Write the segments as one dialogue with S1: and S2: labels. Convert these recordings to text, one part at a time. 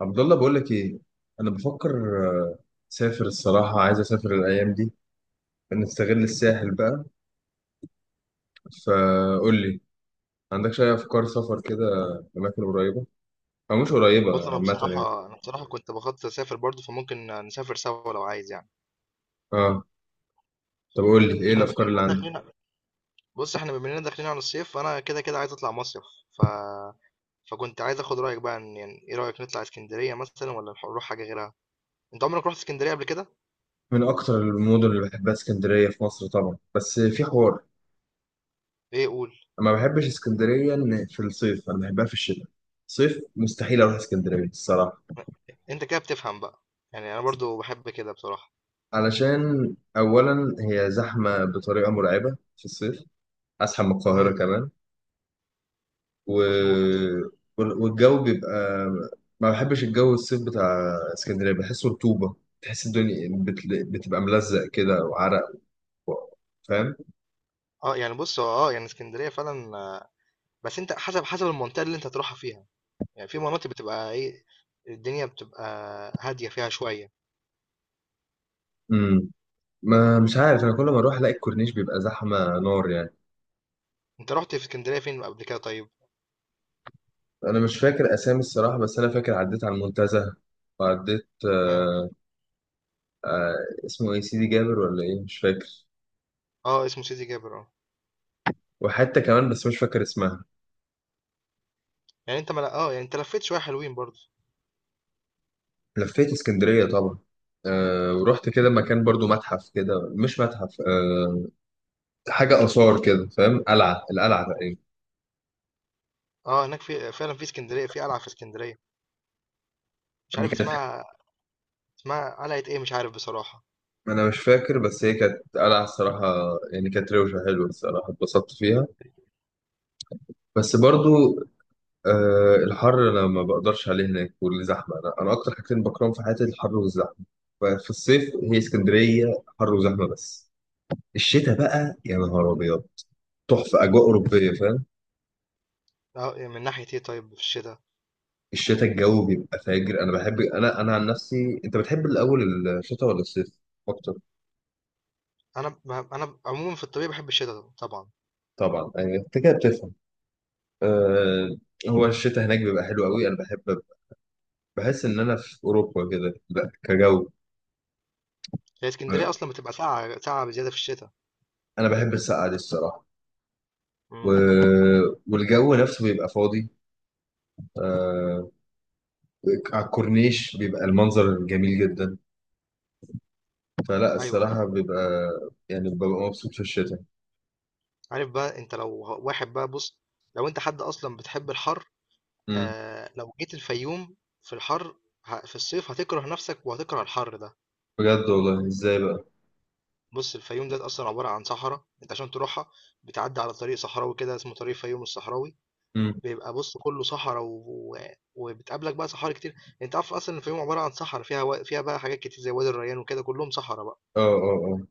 S1: عبد الله، بقول لك ايه. انا بفكر. آه، اسافر الصراحه، عايز اسافر الايام دي، نستغل الساحل بقى. فقول لي، عندكش اي افكار سفر كده؟ اماكن قريبه او مش قريبه
S2: بُص أنا
S1: عامه يعني.
S2: بصراحة أنا بصراحة كنت باخطط أسافر برضه، فممكن نسافر سوا لو عايز يعني.
S1: اه، طب قول لي ايه
S2: إحنا بما
S1: الافكار اللي
S2: إننا
S1: عندك؟
S2: داخلين ع إحنا بما إننا داخلين على الصيف، فأنا كده عايز أطلع مصيف. ف فكنت عايز آخد رأيك بقى إن يعني إيه رأيك نطلع إسكندرية مثلًا والّا نروح حاجة غيرها؟ أنت عمرك رُحت إسكندرية قبل كده؟
S1: من اكتر المدن اللي بحبها اسكندريه في مصر طبعا، بس في حوار.
S2: إيه قُل،
S1: انا ما بحبش اسكندريه، إن في الصيف انا بحبها في الشتاء. صيف مستحيل اروح اسكندريه الصراحه.
S2: أنت كده بتفهم بقى، يعني أنا برضه باحب كده بصراحة.
S1: علشان اولا هي زحمه بطريقه مرعبه في الصيف، ازحم من
S2: إمم،
S1: القاهره كمان. و...
S2: مضبوط.
S1: والجو بيبقى، ما بحبش الجو الصيف بتاع اسكندرية، بحسه رطوبة. تحس الدنيا بتبقى ملزق كده وعرق و... فاهم.
S2: يعني بُص هو يعني إسكندرية فعلًا آه، بس أنت حسب المنطقة اللي أنت هتروحها فيها، يعني في مناطق بتبقى إيه، الدنيا بتبقى هادية فيها شوية.
S1: امم، ما مش عارف، انا كل ما اروح الاقي الكورنيش بيبقى زحمة نار يعني.
S2: أنت رُحت في إسكندرية فين قبل كده طيب؟
S1: انا مش فاكر اسامي الصراحة، بس انا فاكر عديت على المنتزه، وعديت
S2: تمام.
S1: آه... آه... اسمه ايه سيدي جابر ولا ايه مش فاكر.
S2: آه، اسمه سيدي جابر آه.
S1: وحتى كمان بس مش فاكر اسمها.
S2: يعني أنت ما ل آه، يعني أنت لفّيت شوية حلوين برضه.
S1: لفيت اسكندرية طبعا. ورحت كده مكان برضو متحف كده مش متحف، حاجة آثار كده فاهم، قلعة، القلعة تقريبا.
S2: آه، هناك في فعلًا في إسكندرية في قلعة في إسكندرية، مش
S1: دي
S2: عارف
S1: كانت،
S2: اسمها اسمها قلعة إيه مش عارف بصراحة.
S1: ما أنا مش فاكر، بس هي كانت قلعة الصراحة. يعني كانت روشة حلوة الصراحة، اتبسطت فيها. بس برضو آه، الحر أنا ما بقدرش عليه هناك والزحمة. أنا أكتر حاجتين بكرههم في حياتي الحر والزحمة. ففي الصيف هي اسكندرية حر وزحمة بس. الشتاء بقى يا نهار أبيض، تحفة، أجواء أوروبية فاهم.
S2: آه، من ناحية إيه طيب في الشتا؟
S1: الشتاء الجو بيبقى فاجر، أنا بحب، أنا عن نفسي أنت بتحب الأول الشتاء ولا الصيف أكتر؟
S2: أنا عمومًا في الطبيعي باحب الشتا طبعًا.
S1: طبعا أيوة، أنت كده بتفهم. آه، هو الشتاء هناك بيبقى حلو قوي، انا بحب. بحس ان انا في اوروبا كده، كجو.
S2: هي إسكندرية
S1: آه،
S2: أصلًا بتبقى ساقعة بزيادة في الشتا.
S1: انا بحب السقعه دي الصراحه و...
S2: إمم،
S1: والجو نفسه بيبقى فاضي. آه، على الكورنيش بيبقى المنظر جميل جدا، فلا
S2: أيوه،
S1: الصراحه
S2: أيوه.
S1: بيبقى، يعني ببقى مبسوط في الشتاء.
S2: عارف بقى أنت لو واحد بقى بُص، لو أنت حد أصلًا بتحب الحَر،
S1: امم.
S2: لو جيت الفيوم في الحَر في الصيف هتكره نَفْسك وهتكره الحَر ده.
S1: بجد والله، ازاي بقى؟
S2: بُص، الفيوم ديّة أصلًا عبارة عن صحرا، أنت عشان تروحها بتعدّي على طريق صحراوي كده اسمه طريق الفيوم الصحراوي.
S1: امم.
S2: بيبقى بُص كلّه صحرا وبتقابلك بقى صحاري كتير. أنت عارف أصلًا الفيوم عبارة عن صحرا فيها بقى حاجات كتير زي وادي الريان وكده كلّهم صحرا بقى.
S1: اه، اه، اه.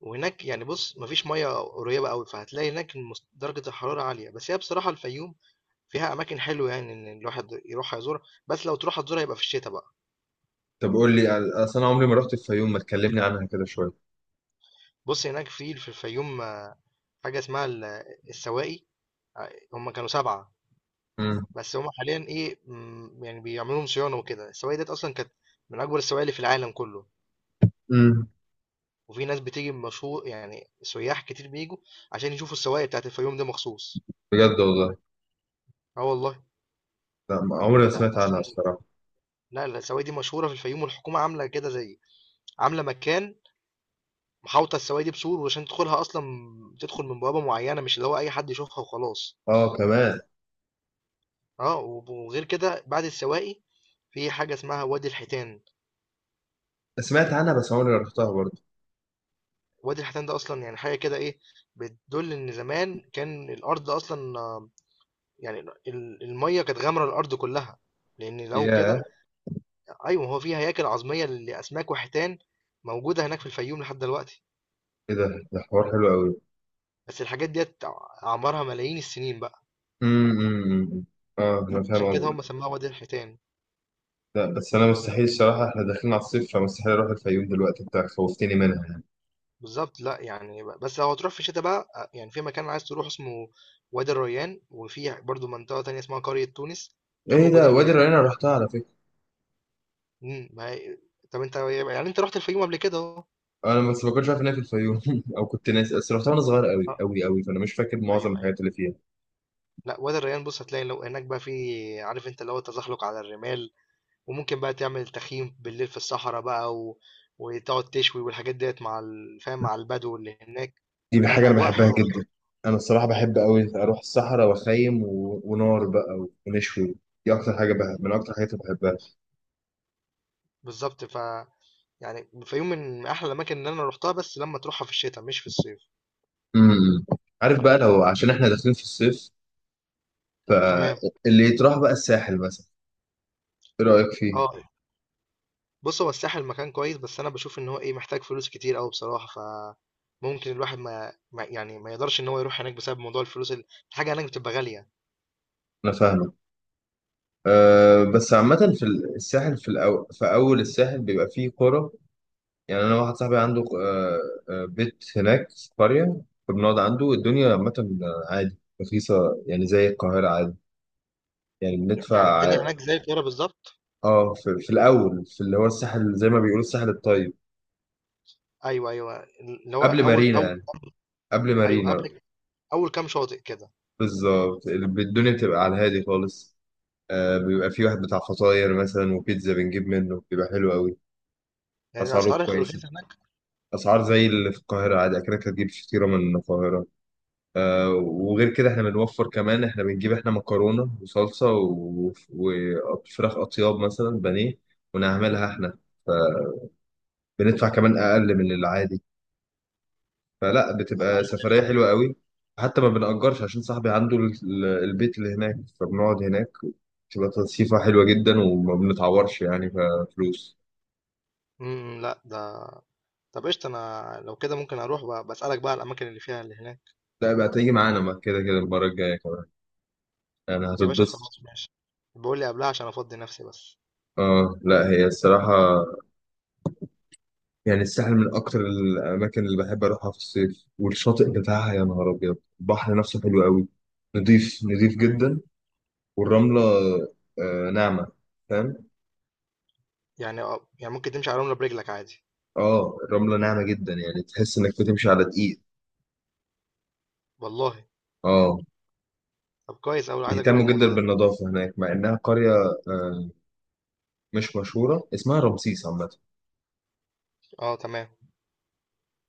S2: وهناك يعني بُص ما فيش مَيّة قريبة أوي، فهتلاقي هناك المس درجة الحرارة عالية، بس هي بصراحة الفيوم فيها أماكن حلوة يعني إن الواحد يروحها يزورها، بس لو تروحها تزورها يبقى في الشتا بقى.
S1: طب قول لي اصل انا عمري ما رحت الفيوم، ما تكلمني عنها كده شويه.
S2: بُص هناك في الفيوم آه، حاجة اسمها السواقي، ع هُم كانوا 7.
S1: امم،
S2: بس هما حاليا ايه مم، يعني بيعملوا لهم صيانه وكده. السواقي ديت اصلا كانت من اكبر السواقي اللي في العالم كله.
S1: امم.
S2: وفي ناس بتيجي مشهور يعني سياح كتير بيجوا عشان يشوفوا السواقي بتاعت الفيوم ده مخصوص.
S1: بجد والله.
S2: اه والله.
S1: لا ما- عمري ما
S2: ده
S1: سمعت عنها
S2: اصلا
S1: الصراحه.
S2: لا لا، السواقي دي مشهوره في الفيوم، والحكومه عامله كده زي عامله مكان محاوطه السواقي دي بسور، وعشان تدخلها اصلا تدخل من بوابه معينه، مش اللي هو اي حد يشوفها وخلاص.
S1: اه كمان.
S2: اه وغير كده بعد السواقي في حاجه اسمها وادي الحيتان.
S1: سمعت عنها بس عمري ما رحتها برضه.
S2: وادي الحيتان ده اصلا يعني حاجه كده ايه، بتدل ان زمان كان الارض اصلا آه، يعني الميه كانت غامره الارض كلها، لان لو كده.
S1: ياه.
S2: ايوه هو في هياكل عظميه لاسماك وحيتان موجوده هناك في الفيوم لحد دلوقتي.
S1: ايه ده، ده حوار حلو قوي.
S2: بس الحاجات ديت اعمارها ملايين السنين بقى.
S1: امم، اه، انا فاهم
S2: عشان كده
S1: قصدك.
S2: هم سموها وادي الحيتان.
S1: لا بس انا مستحيل الصراحه، احنا داخلين على الصيف، فمستحيل اروح الفيوم دلوقتي، انت خوفتني منها يعني.
S2: بالظبط. لا يعني بس لو هتروح في الشتاء بقى آه، يعني في مكان عايز تروح اسمه وادي الريان، وفي برضو منطقه تانية اسمها قريه تونس، دول
S1: ايه ده،
S2: موجودين
S1: وادي
S2: هناك.
S1: الريان أنا رحتها على فكره.
S2: ما هي- طب انت يعني انت رحت الفيوم قبل كده اهو.
S1: انا بس ما كنتش عارف ان هي في الفيوم او كنت ناسي، بس رحتها وانا صغير قوي
S2: آه،
S1: قوي قوي، فانا مش فاكر معظم
S2: أيوه، أيوه.
S1: الحاجات اللي فيها.
S2: لأ، وادي الريان بُص هتلاقي لو هناك بقى في، عارف أنت اللي هو التزحلق على الرمال، وممكن بقى تعمل تخييم بالليل في الصحرا بقى وتقعد تشوي والحاجات ديّة مع ال فاهم، مع البدو اللي هناك.
S1: دي حاجه
S2: فلأ،
S1: انا
S2: أجواء
S1: بحبها
S2: حلوة
S1: جدا.
S2: بصراحة.
S1: انا الصراحه بحب قوي اروح الصحراء واخيم ونار بقى ونشوي. دي اكتر حاجه بحب، من اكتر الحاجات اللي بحبها.
S2: بالضبط. يعني الفيوم من أحلى الأماكن اللي أنا رُحتها، بس لمّا تروحها في الشتا مش في الصيف.
S1: امم، عارف بقى، لو عشان احنا داخلين في الصيف،
S2: تمام.
S1: فاللي يتراح بقى الساحل مثلا. ايه رأيك
S2: آه.
S1: فيه؟
S2: بُص، هو الساحل مكان كويس بس أنا باشوف إن هو إيه، محتاج فلوس كتير أوي بصراحة. فممكن الواحد ما يعني ما يقدرش إن هو يروح هناك بسبب موضوع الفلوس الحاجة هناك بتبقى غالية.
S1: انا فاهمه. أه بس عامة في الساحل، في أول الساحل بيبقى فيه قرى. يعني أنا واحد صاحبي عنده أه، آه، بيت هناك في قرية، فبنقعد عنده. الدنيا عامة عادي، رخيصة، يعني زي القاهرة عادي. يعني
S2: يعني
S1: بندفع
S2: الدنيا هناك زي القاهرة بالظبط.
S1: اه، في الأول، في اللي هو الساحل زي ما بيقولوا، الساحل الطيب،
S2: أيوه أيوه، اللي هو
S1: قبل
S2: أول
S1: مارينا
S2: أول
S1: يعني. قبل
S2: أيوه
S1: مارينا
S2: قبل أول كام شاطئ كده.
S1: بالظبط. الدنيا بتبقى على الهادي خالص. آه، بيبقى في واحد بتاع فطاير مثلا وبيتزا بنجيب منه بيبقى حلو قوي.
S2: يعني
S1: اسعاره
S2: الأسعار
S1: كويسه،
S2: رخيصة هناك.
S1: اسعار زي اللي في القاهره عادي، اكنك هتجيب فطيره من القاهره. آه، وغير كده احنا بنوفر كمان، احنا بنجيب احنا مكرونه وصلصه وفراخ اطياب مثلا بانيه ونعملها احنا. بندفع كمان اقل من العادي. فلا، بتبقى
S2: غير
S1: سفريه
S2: فاهمة.
S1: حلوه قوي. حتى ما بنأجرش عشان صاحبي عنده البيت اللي هناك، فبنقعد هناك. بتبقى تصيفة حلوة جدا، وما بنتعورش يعني كفلوس.
S2: امم. لا ده طب قشطة أنا لو كده ممكن أروح بقى بسألك بقى على الأماكن اللي فيها اللي هناك.
S1: لا بقى تيجي معانا، ما كده كده المرة الجاية كمان، يعني
S2: يا باشا
S1: هتتبسط.
S2: خلاص ماشي، بقول لي قبلها عشان أفضي نفسي بس.
S1: اه لا، هي الصراحة يعني الساحل من أكتر الأماكن اللي بحب أروحها في الصيف. والشاطئ بتاعها يا نهار أبيض، البحر نفسه حلو قوي، نضيف نضيف
S2: مم.
S1: جدا. والرملة آه ناعمة فاهم.
S2: يعني أه، يعني ممكن تمشي على الرملة برجلك عادي.
S1: اه الرملة ناعمة جدا، يعني تحس إنك بتمشي على دقيق.
S2: والله؟
S1: اه.
S2: طب كويس أوي، عايز أجرب
S1: بيهتموا جدا
S2: الموضوع ده.
S1: بالنظافة هناك، مع إنها قرية آه مش مشهورة، اسمها رمسيس عامة.
S2: أه تمام.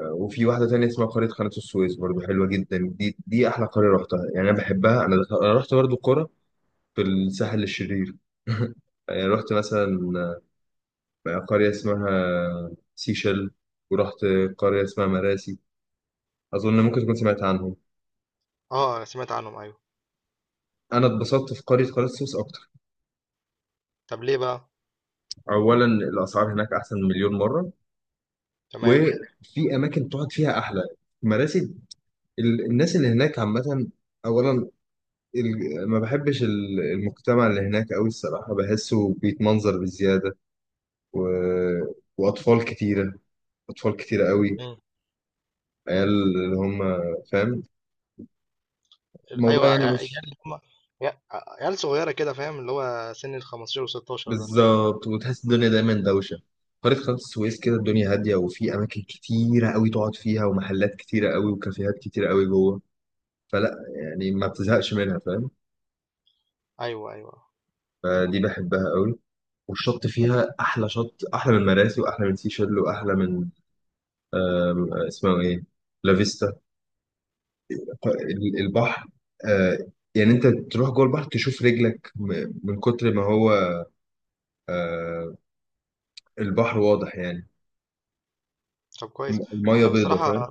S1: وفي واحدة تانية اسمها قرية قناة السويس برضو حلوة جدا، دي أحلى قرية رحتها يعني، أنا بحبها. أنا أنا رحت برضو قرى في الساحل الشرير يعني رحت مثلا قرية اسمها سيشل، ورحت قرية اسمها مراسي، أظن ممكن تكون سمعت عنهم.
S2: أه أنا سمعت عنهم أيوه.
S1: أنا اتبسطت في قرية قناة السويس أكتر.
S2: طب ليه بقى؟
S1: أولا الأسعار هناك أحسن مليون مرة،
S2: تمام.
S1: وفي أماكن تقعد فيها أحلى. مراسي، الناس اللي هناك عامة. أولا، ما بحبش المجتمع اللي هناك قوي الصراحة، بحسه بيتمنظر بزيادة و... وأطفال كتيرة، أطفال كتيرة قوي، عيال اللي هم فاهم، الموضوع
S2: ايوه
S1: يعني
S2: عيال
S1: مش
S2: اللي هم، عيال صغيره كده فاهم، اللي هو سن ال 15 و16 ده.
S1: بالظبط. وتحس الدنيا دايما دوشة. قرية قناة السويس كده الدنيا هادية، وفي أماكن كتيرة قوي تقعد فيها، ومحلات كتيرة قوي، وكافيهات كتيرة قوي جوه. فلا يعني ما بتزهقش منها فاهم.
S2: ايوه ايوه.
S1: فدي بحبها قوي. والشط فيها أحلى شط، أحلى من مراسي، وأحلى من سيشل، وأحلى من اسمه ايه، لافيستا. البحر آه، يعني انت تروح جوه البحر تشوف رجلك من كتر ما هو آه، البحر واضح يعني.
S2: طب كويس.
S1: المية
S2: انا
S1: بيضة
S2: بصراحه
S1: فاهم.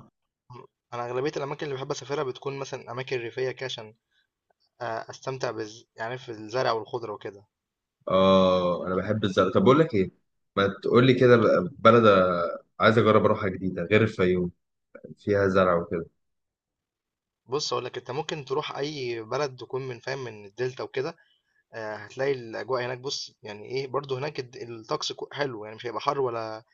S2: انا اغلبيه الاماكن اللي بحب اسافرها بتكون مثلا اماكن ريفيه كده، عشان آه، يعني في الزرع والخضره وكده.
S1: اه انا بحب الزرع. طب بقول لك ايه، ما تقول لي كده بقى بلد عايز اجرب اروحها جديدة غير الفيوم، فيها زرع وكده.
S2: بص اقول لك انت ممكن تروح اي بلد تكون من فاهم من الدلتا وكده. آه، هتلاقي الاجواء هناك بص يعني ايه، برضو هناك الطقس حلو، يعني مش هيبقى حر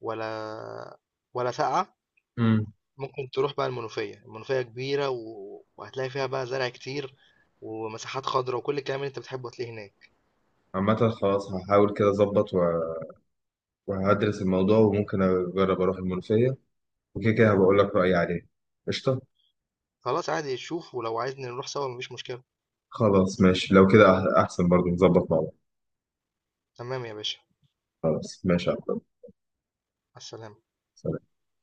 S2: ولا ولا ساقعه.
S1: امم.
S2: ممكن تروح بقى المنوفية، المنوفية كبيرة وهتلاقي فيها بقى زرع كتير ومساحات خضرا، وكل الكلام اللي أنت بتحبه هتلاقيه هناك.
S1: عامة خلاص، هحاول كده اظبط وهدرس الموضوع، وممكن اجرب اروح المنوفية، وكده كده هبقول لك رأيي عليه. قشطة.
S2: خلاص عادي شوف، ولو عايزني نروح سوا مفيش مشكلة.
S1: خلاص ماشي لو كده، أحسن برضو نظبط مع بعض.
S2: تمام يا باشا.
S1: خلاص ماشي يا عبد الله.
S2: مع السلامة.
S1: سلام.